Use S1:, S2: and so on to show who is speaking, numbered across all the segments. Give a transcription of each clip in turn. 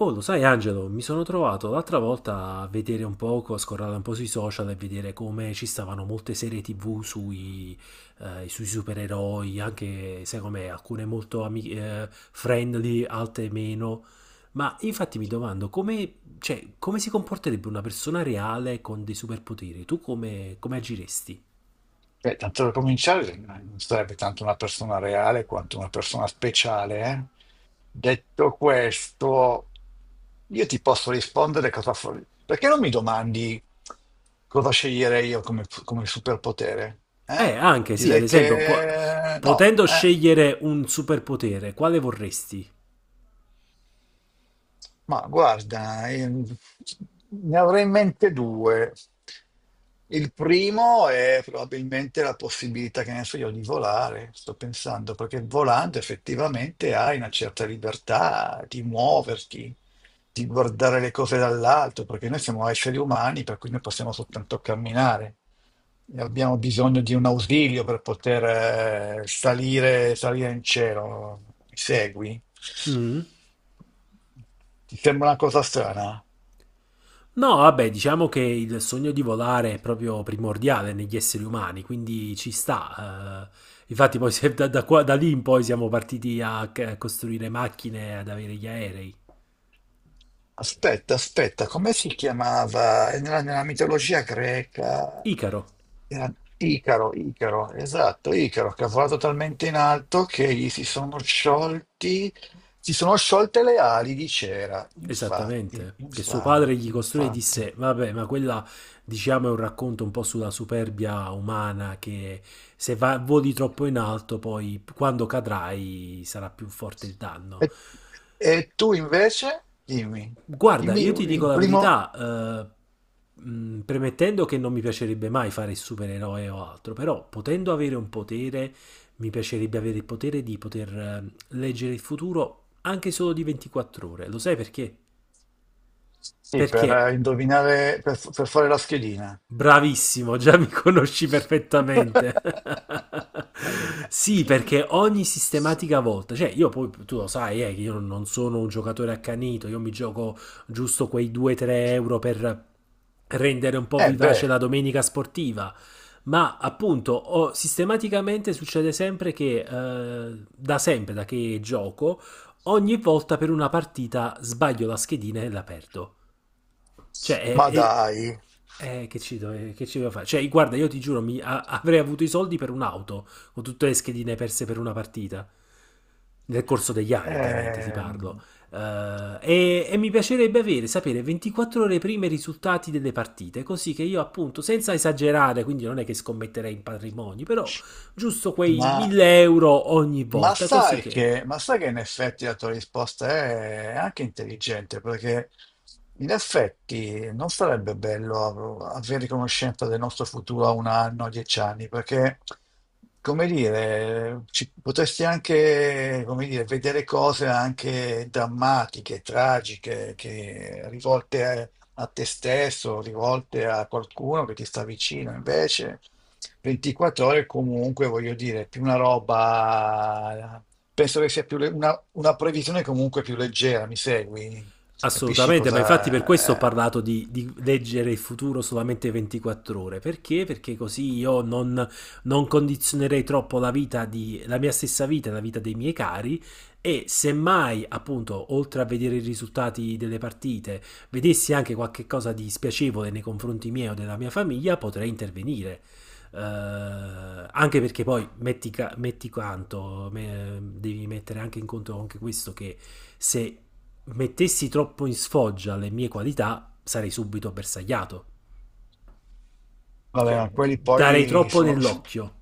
S1: Oh, lo sai, Angelo, mi sono trovato l'altra volta a vedere un poco, a scorrare un po' sui social e vedere come ci stavano molte serie TV sui supereroi, anche sai com'è, alcune molto friendly, altre meno. Ma infatti mi domando cioè, come si comporterebbe una persona reale con dei superpoteri? Tu come agiresti?
S2: Beh, tanto per cominciare, non sarebbe tanto una persona reale quanto una persona speciale. Detto questo, io ti posso rispondere cosa fare. Perché non mi domandi cosa sceglierei io come superpotere? Eh?
S1: Anche sì, ad
S2: Direi
S1: esempio,
S2: che no,
S1: potendo
S2: eh.
S1: scegliere un superpotere, quale vorresti?
S2: Ma guarda, ne avrei in mente due. Il primo è probabilmente la possibilità, che ne so io, di volare, sto pensando, perché volando effettivamente hai una certa libertà di muoverti, di guardare le cose dall'alto, perché noi siamo esseri umani, per cui noi possiamo soltanto camminare. Abbiamo bisogno di un ausilio per poter salire, salire in cielo. Mi segui?
S1: Mm?
S2: Ti sembra una cosa strana?
S1: No, vabbè, diciamo che il sogno di volare è proprio primordiale negli esseri umani, quindi ci sta, eh. Infatti, poi da lì in poi siamo partiti a costruire macchine, ad avere gli aerei.
S2: Aspetta, aspetta, come si chiamava? Nella mitologia greca
S1: Icaro,
S2: era Icaro, Icaro, esatto, Icaro, che ha volato talmente in alto che gli si sono sciolti, si sono sciolte le ali di cera. Infatti,
S1: esattamente, che suo padre gli
S2: infatti,
S1: costruì e
S2: infatti.
S1: disse: Vabbè, ma quella diciamo è un racconto un po' sulla superbia umana, che se voli troppo in alto, poi quando cadrai sarà più forte il danno.
S2: E, e tu invece, dimmi,
S1: Guarda,
S2: dimmi
S1: io ti dico
S2: il
S1: la
S2: primo,
S1: verità, premettendo che non mi piacerebbe mai fare il supereroe o altro, però potendo avere un potere, mi piacerebbe avere il potere di poter leggere il futuro anche solo di 24 ore. Lo sai perché?
S2: sì,
S1: Perché
S2: per indovinare, per fare la schedina.
S1: Bravissimo, già mi conosci perfettamente. Sì, perché ogni sistematica volta, cioè io poi tu lo sai, che io non sono un giocatore accanito, io mi gioco giusto quei 2-3 euro per rendere un po'
S2: Eh
S1: vivace
S2: beh,
S1: la domenica sportiva. Ma appunto, sistematicamente succede sempre che, da sempre, da che gioco, ogni volta per una partita sbaglio la schedina e la perdo. Cioè,
S2: ma dai,
S1: che ci doveva fare? Cioè, guarda, io ti giuro, avrei avuto i soldi per un'auto, con tutte le schedine perse per una partita. Nel corso degli anni, ovviamente, ti parlo.
S2: ehm,
S1: E mi piacerebbe avere, sapere 24 ore prima i risultati delle partite, così che io, appunto, senza esagerare, quindi non è che scommetterei in patrimoni, però giusto quei
S2: Ma,
S1: 1000 euro ogni volta, così che.
S2: ma sai che in effetti la tua risposta è anche intelligente, perché in effetti non sarebbe bello avere conoscenza del nostro futuro a un anno, a 10 anni, perché, come dire, potresti anche, come dire, vedere cose anche drammatiche, tragiche, che, rivolte a, te stesso, rivolte a qualcuno che ti sta vicino, invece. 24 ore comunque, voglio dire, più una roba, penso che sia più una previsione comunque più leggera, mi segui? Capisci
S1: Assolutamente, ma infatti per questo ho
S2: cosa?
S1: parlato di leggere il futuro solamente 24 ore. Perché? Perché così io non condizionerei troppo la mia stessa vita e la vita dei miei cari. E semmai, appunto, oltre a vedere i risultati delle partite, vedessi anche qualche cosa di spiacevole nei confronti miei o della mia famiglia, potrei intervenire. Anche perché poi metti, metti quanto, devi mettere anche in conto anche questo, che se mettessi troppo in sfoggia le mie qualità, sarei subito bersagliato.
S2: Vabbè,
S1: Cioè,
S2: ma quelli
S1: darei
S2: poi
S1: troppo
S2: sono. Sì.
S1: nell'occhio.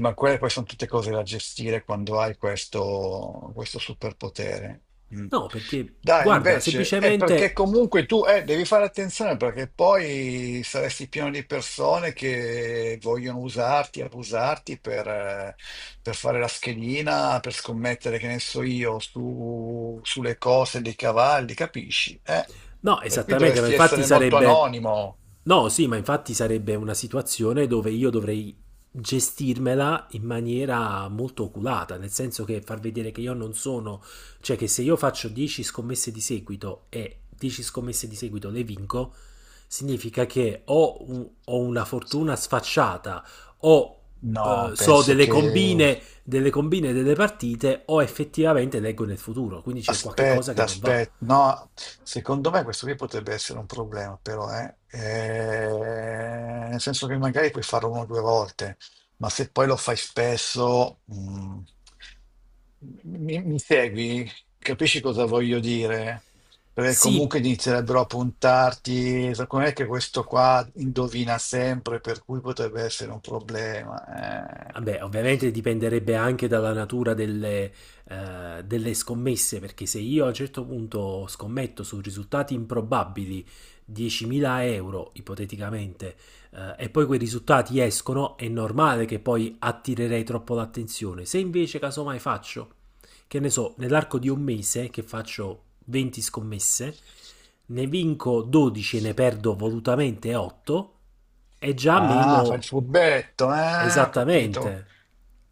S2: Ma quelle poi sono tutte cose da gestire quando hai questo superpotere. Mm.
S1: No, perché
S2: Dai,
S1: guarda,
S2: invece, è perché
S1: semplicemente.
S2: comunque tu devi fare attenzione perché poi saresti pieno di persone che vogliono usarti, abusarti per fare la schedina, per scommettere, che ne so io, sulle cose dei cavalli, capisci? Eh?
S1: No,
S2: Per cui
S1: esattamente, ma
S2: dovresti
S1: infatti
S2: essere molto
S1: sarebbe.
S2: anonimo.
S1: No, sì, ma infatti sarebbe una situazione dove io dovrei gestirmela in maniera molto oculata, nel senso che far vedere che io non sono, cioè che se io faccio 10 scommesse di seguito e 10 scommesse di seguito le vinco, significa che ho una fortuna sfacciata, o
S2: No,
S1: so
S2: penso
S1: delle
S2: che.
S1: combine, delle combine delle partite, o effettivamente leggo nel futuro, quindi c'è qualche cosa che
S2: Aspetta,
S1: non va.
S2: aspetta, no, secondo me questo qui potrebbe essere un problema, però, eh. Nel senso che magari puoi farlo una o due volte, ma se poi lo fai spesso, mi segui? Capisci cosa voglio dire? Perché
S1: Sì,
S2: comunque inizierebbero a puntarti, secondo me che questo qua indovina sempre, per cui potrebbe essere un problema. eh.
S1: vabbè, ovviamente dipenderebbe anche dalla natura delle scommesse, perché se io a un certo punto scommetto su risultati improbabili 10.000 euro, ipoteticamente, e poi quei risultati escono, è normale che poi attirerei troppo l'attenzione. Se invece casomai faccio, che ne so, nell'arco di un mese che faccio 20 scommesse, ne vinco 12 e ne perdo volutamente 8, è già
S2: Ah, fa
S1: meno.
S2: il furbetto, eh? Ho capito.
S1: Esattamente,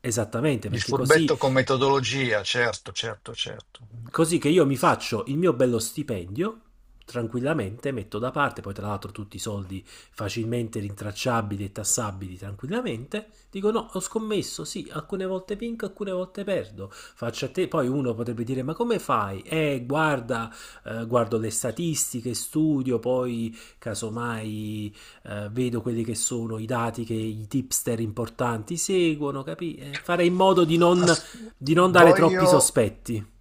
S1: esattamente,
S2: Il
S1: perché così.
S2: furbetto con metodologia, certo, certo, certo.
S1: Così che io mi faccio il mio bello stipendio, tranquillamente metto da parte, poi tra l'altro tutti i soldi facilmente rintracciabili e tassabili tranquillamente, dico no, ho scommesso, sì, alcune volte vinco, alcune volte perdo, faccio a te, poi uno potrebbe dire: ma come fai? Guarda, guardo le statistiche, studio, poi casomai vedo quelli che sono i dati che i tipster importanti seguono, capi? Fare in modo di non,
S2: As-
S1: di non dare troppi
S2: voglio...
S1: sospetti.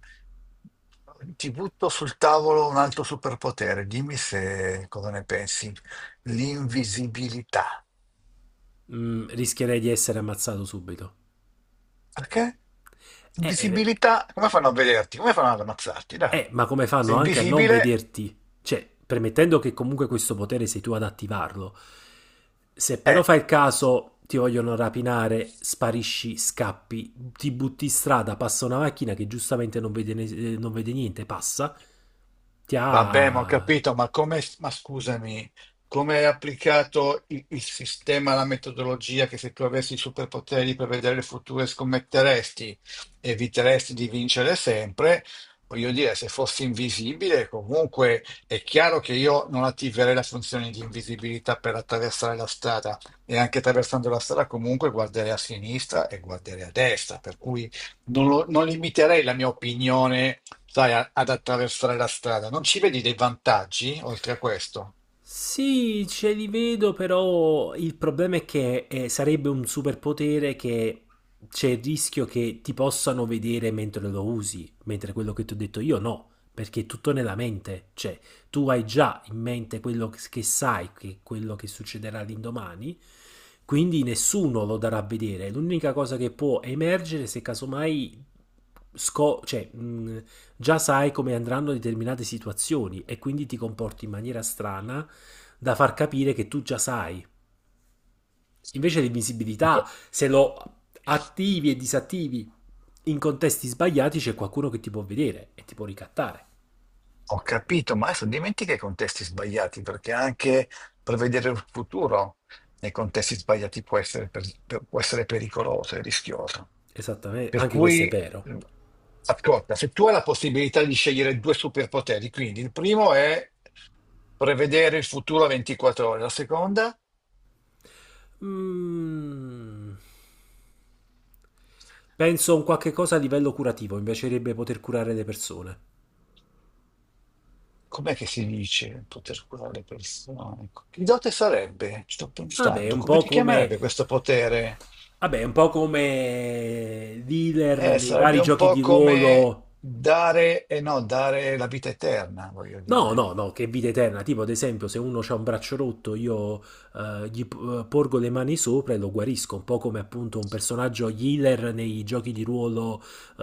S2: Ti butto sul tavolo un altro superpotere. Dimmi se cosa ne pensi. L'invisibilità.
S1: Rischierei di essere ammazzato subito.
S2: Perché?
S1: Eh, eh,
S2: Invisibilità, come fanno a vederti? Come fanno ad ammazzarti? Dai.
S1: ma come
S2: Sei
S1: fanno anche a non
S2: invisibile?
S1: vederti? Cioè, premettendo che comunque questo potere sei tu ad attivarlo. Se però
S2: Eh.
S1: fai il caso, ti vogliono rapinare, sparisci, scappi, ti butti in strada, passa una macchina che giustamente non vede, non vede niente, passa, ti
S2: Vabbè, ma ho
S1: ha.
S2: capito, ma come, ma scusami, come è applicato il sistema, la metodologia che se tu avessi i superpoteri per vedere il futuro scommetteresti, eviteresti di vincere sempre? Voglio dire, se fossi invisibile, comunque è chiaro che io non attiverei la funzione di invisibilità per attraversare la strada e anche attraversando la strada comunque guarderei a sinistra e guarderei a destra, per cui non limiterei la mia opinione, sai, ad attraversare la strada. Non ci vedi dei vantaggi oltre a questo?
S1: Sì, ce li vedo, però il problema è che sarebbe un superpotere che c'è il rischio che ti possano vedere mentre lo usi, mentre quello che ti ho detto io no, perché è tutto nella mente. Cioè, tu hai già in mente quello che sai, che quello che succederà l'indomani, quindi nessuno lo darà a vedere. L'unica cosa che può emergere, se casomai cioè, già sai come andranno determinate situazioni e quindi ti comporti in maniera strana da far capire che tu già sai. Invece
S2: Ho
S1: l'invisibilità,
S2: ca-
S1: se lo attivi e disattivi in contesti sbagliati, c'è qualcuno che ti può vedere e ti può ricattare.
S2: ho capito, ma adesso dimentica i contesti sbagliati, perché anche prevedere il futuro nei contesti sbagliati può essere pericoloso e rischioso.
S1: Esattamente,
S2: Per
S1: anche questo
S2: cui,
S1: è vero.
S2: ascolta, se tu hai la possibilità di scegliere due superpoteri, quindi il primo è prevedere il futuro a 24 ore, la seconda?
S1: Mm, Penso a un qualche cosa a livello curativo, mi piacerebbe poter curare le persone.
S2: Com'è che si dice poter curare le persone? Ecco, che dote sarebbe? Ci sto
S1: Vabbè,
S2: pensando. Come ti chiamerebbe questo potere?
S1: è un po' come dealer nei vari
S2: Sarebbe un
S1: giochi di
S2: po' come
S1: ruolo.
S2: dare, e no, dare la vita eterna, voglio
S1: No,
S2: dire.
S1: no, no, che vita eterna. Tipo, ad esempio, se uno ha un braccio rotto, io gli porgo le mani sopra e lo guarisco, un po' come appunto un personaggio healer nei giochi di ruolo,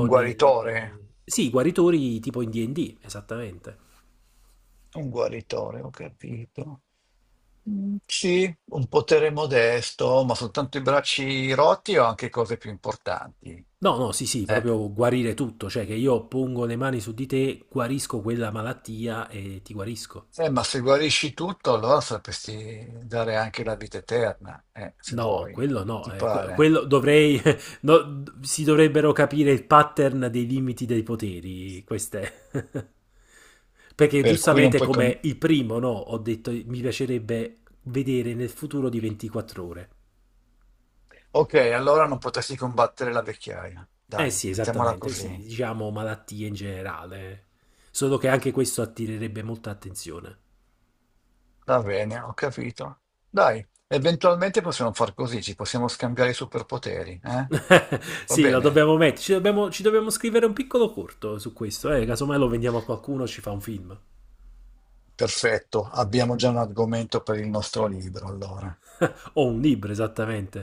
S2: Un
S1: nelle.
S2: guaritore?
S1: Sì, guaritori tipo in D&D, esattamente.
S2: Un guaritore, ho capito. Mm, sì, un potere modesto, ma soltanto i bracci rotti o anche cose più importanti?
S1: No, no, sì, sì,
S2: Eh.
S1: proprio guarire tutto, cioè che io pongo le mani su di te, guarisco quella malattia e ti guarisco.
S2: Ma se guarisci tutto, allora sapresti dare anche la vita eterna, se
S1: No,
S2: vuoi,
S1: quello no,
S2: ti pare.
S1: quello dovrei, no, si dovrebbero capire il pattern dei limiti dei poteri, queste. Perché
S2: Per cui non
S1: giustamente
S2: puoi,
S1: come il primo, no, ho detto mi piacerebbe vedere nel futuro di 24 ore.
S2: ok, allora non potresti combattere la vecchiaia.
S1: Eh
S2: Dai,
S1: sì,
S2: mettiamola
S1: esattamente, sì,
S2: così.
S1: diciamo malattie in generale. Solo che anche questo attirerebbe molta attenzione.
S2: Va bene, ho capito. Dai, eventualmente possiamo far così, ci possiamo scambiare i superpoteri, eh? Va
S1: Sì, lo
S2: bene?
S1: dobbiamo mettere. Ci dobbiamo scrivere un piccolo corto su questo. Eh? Casomai lo vendiamo a qualcuno, ci fa un film.
S2: Perfetto, abbiamo già un argomento per il nostro libro, allora.
S1: O un libro, esattamente.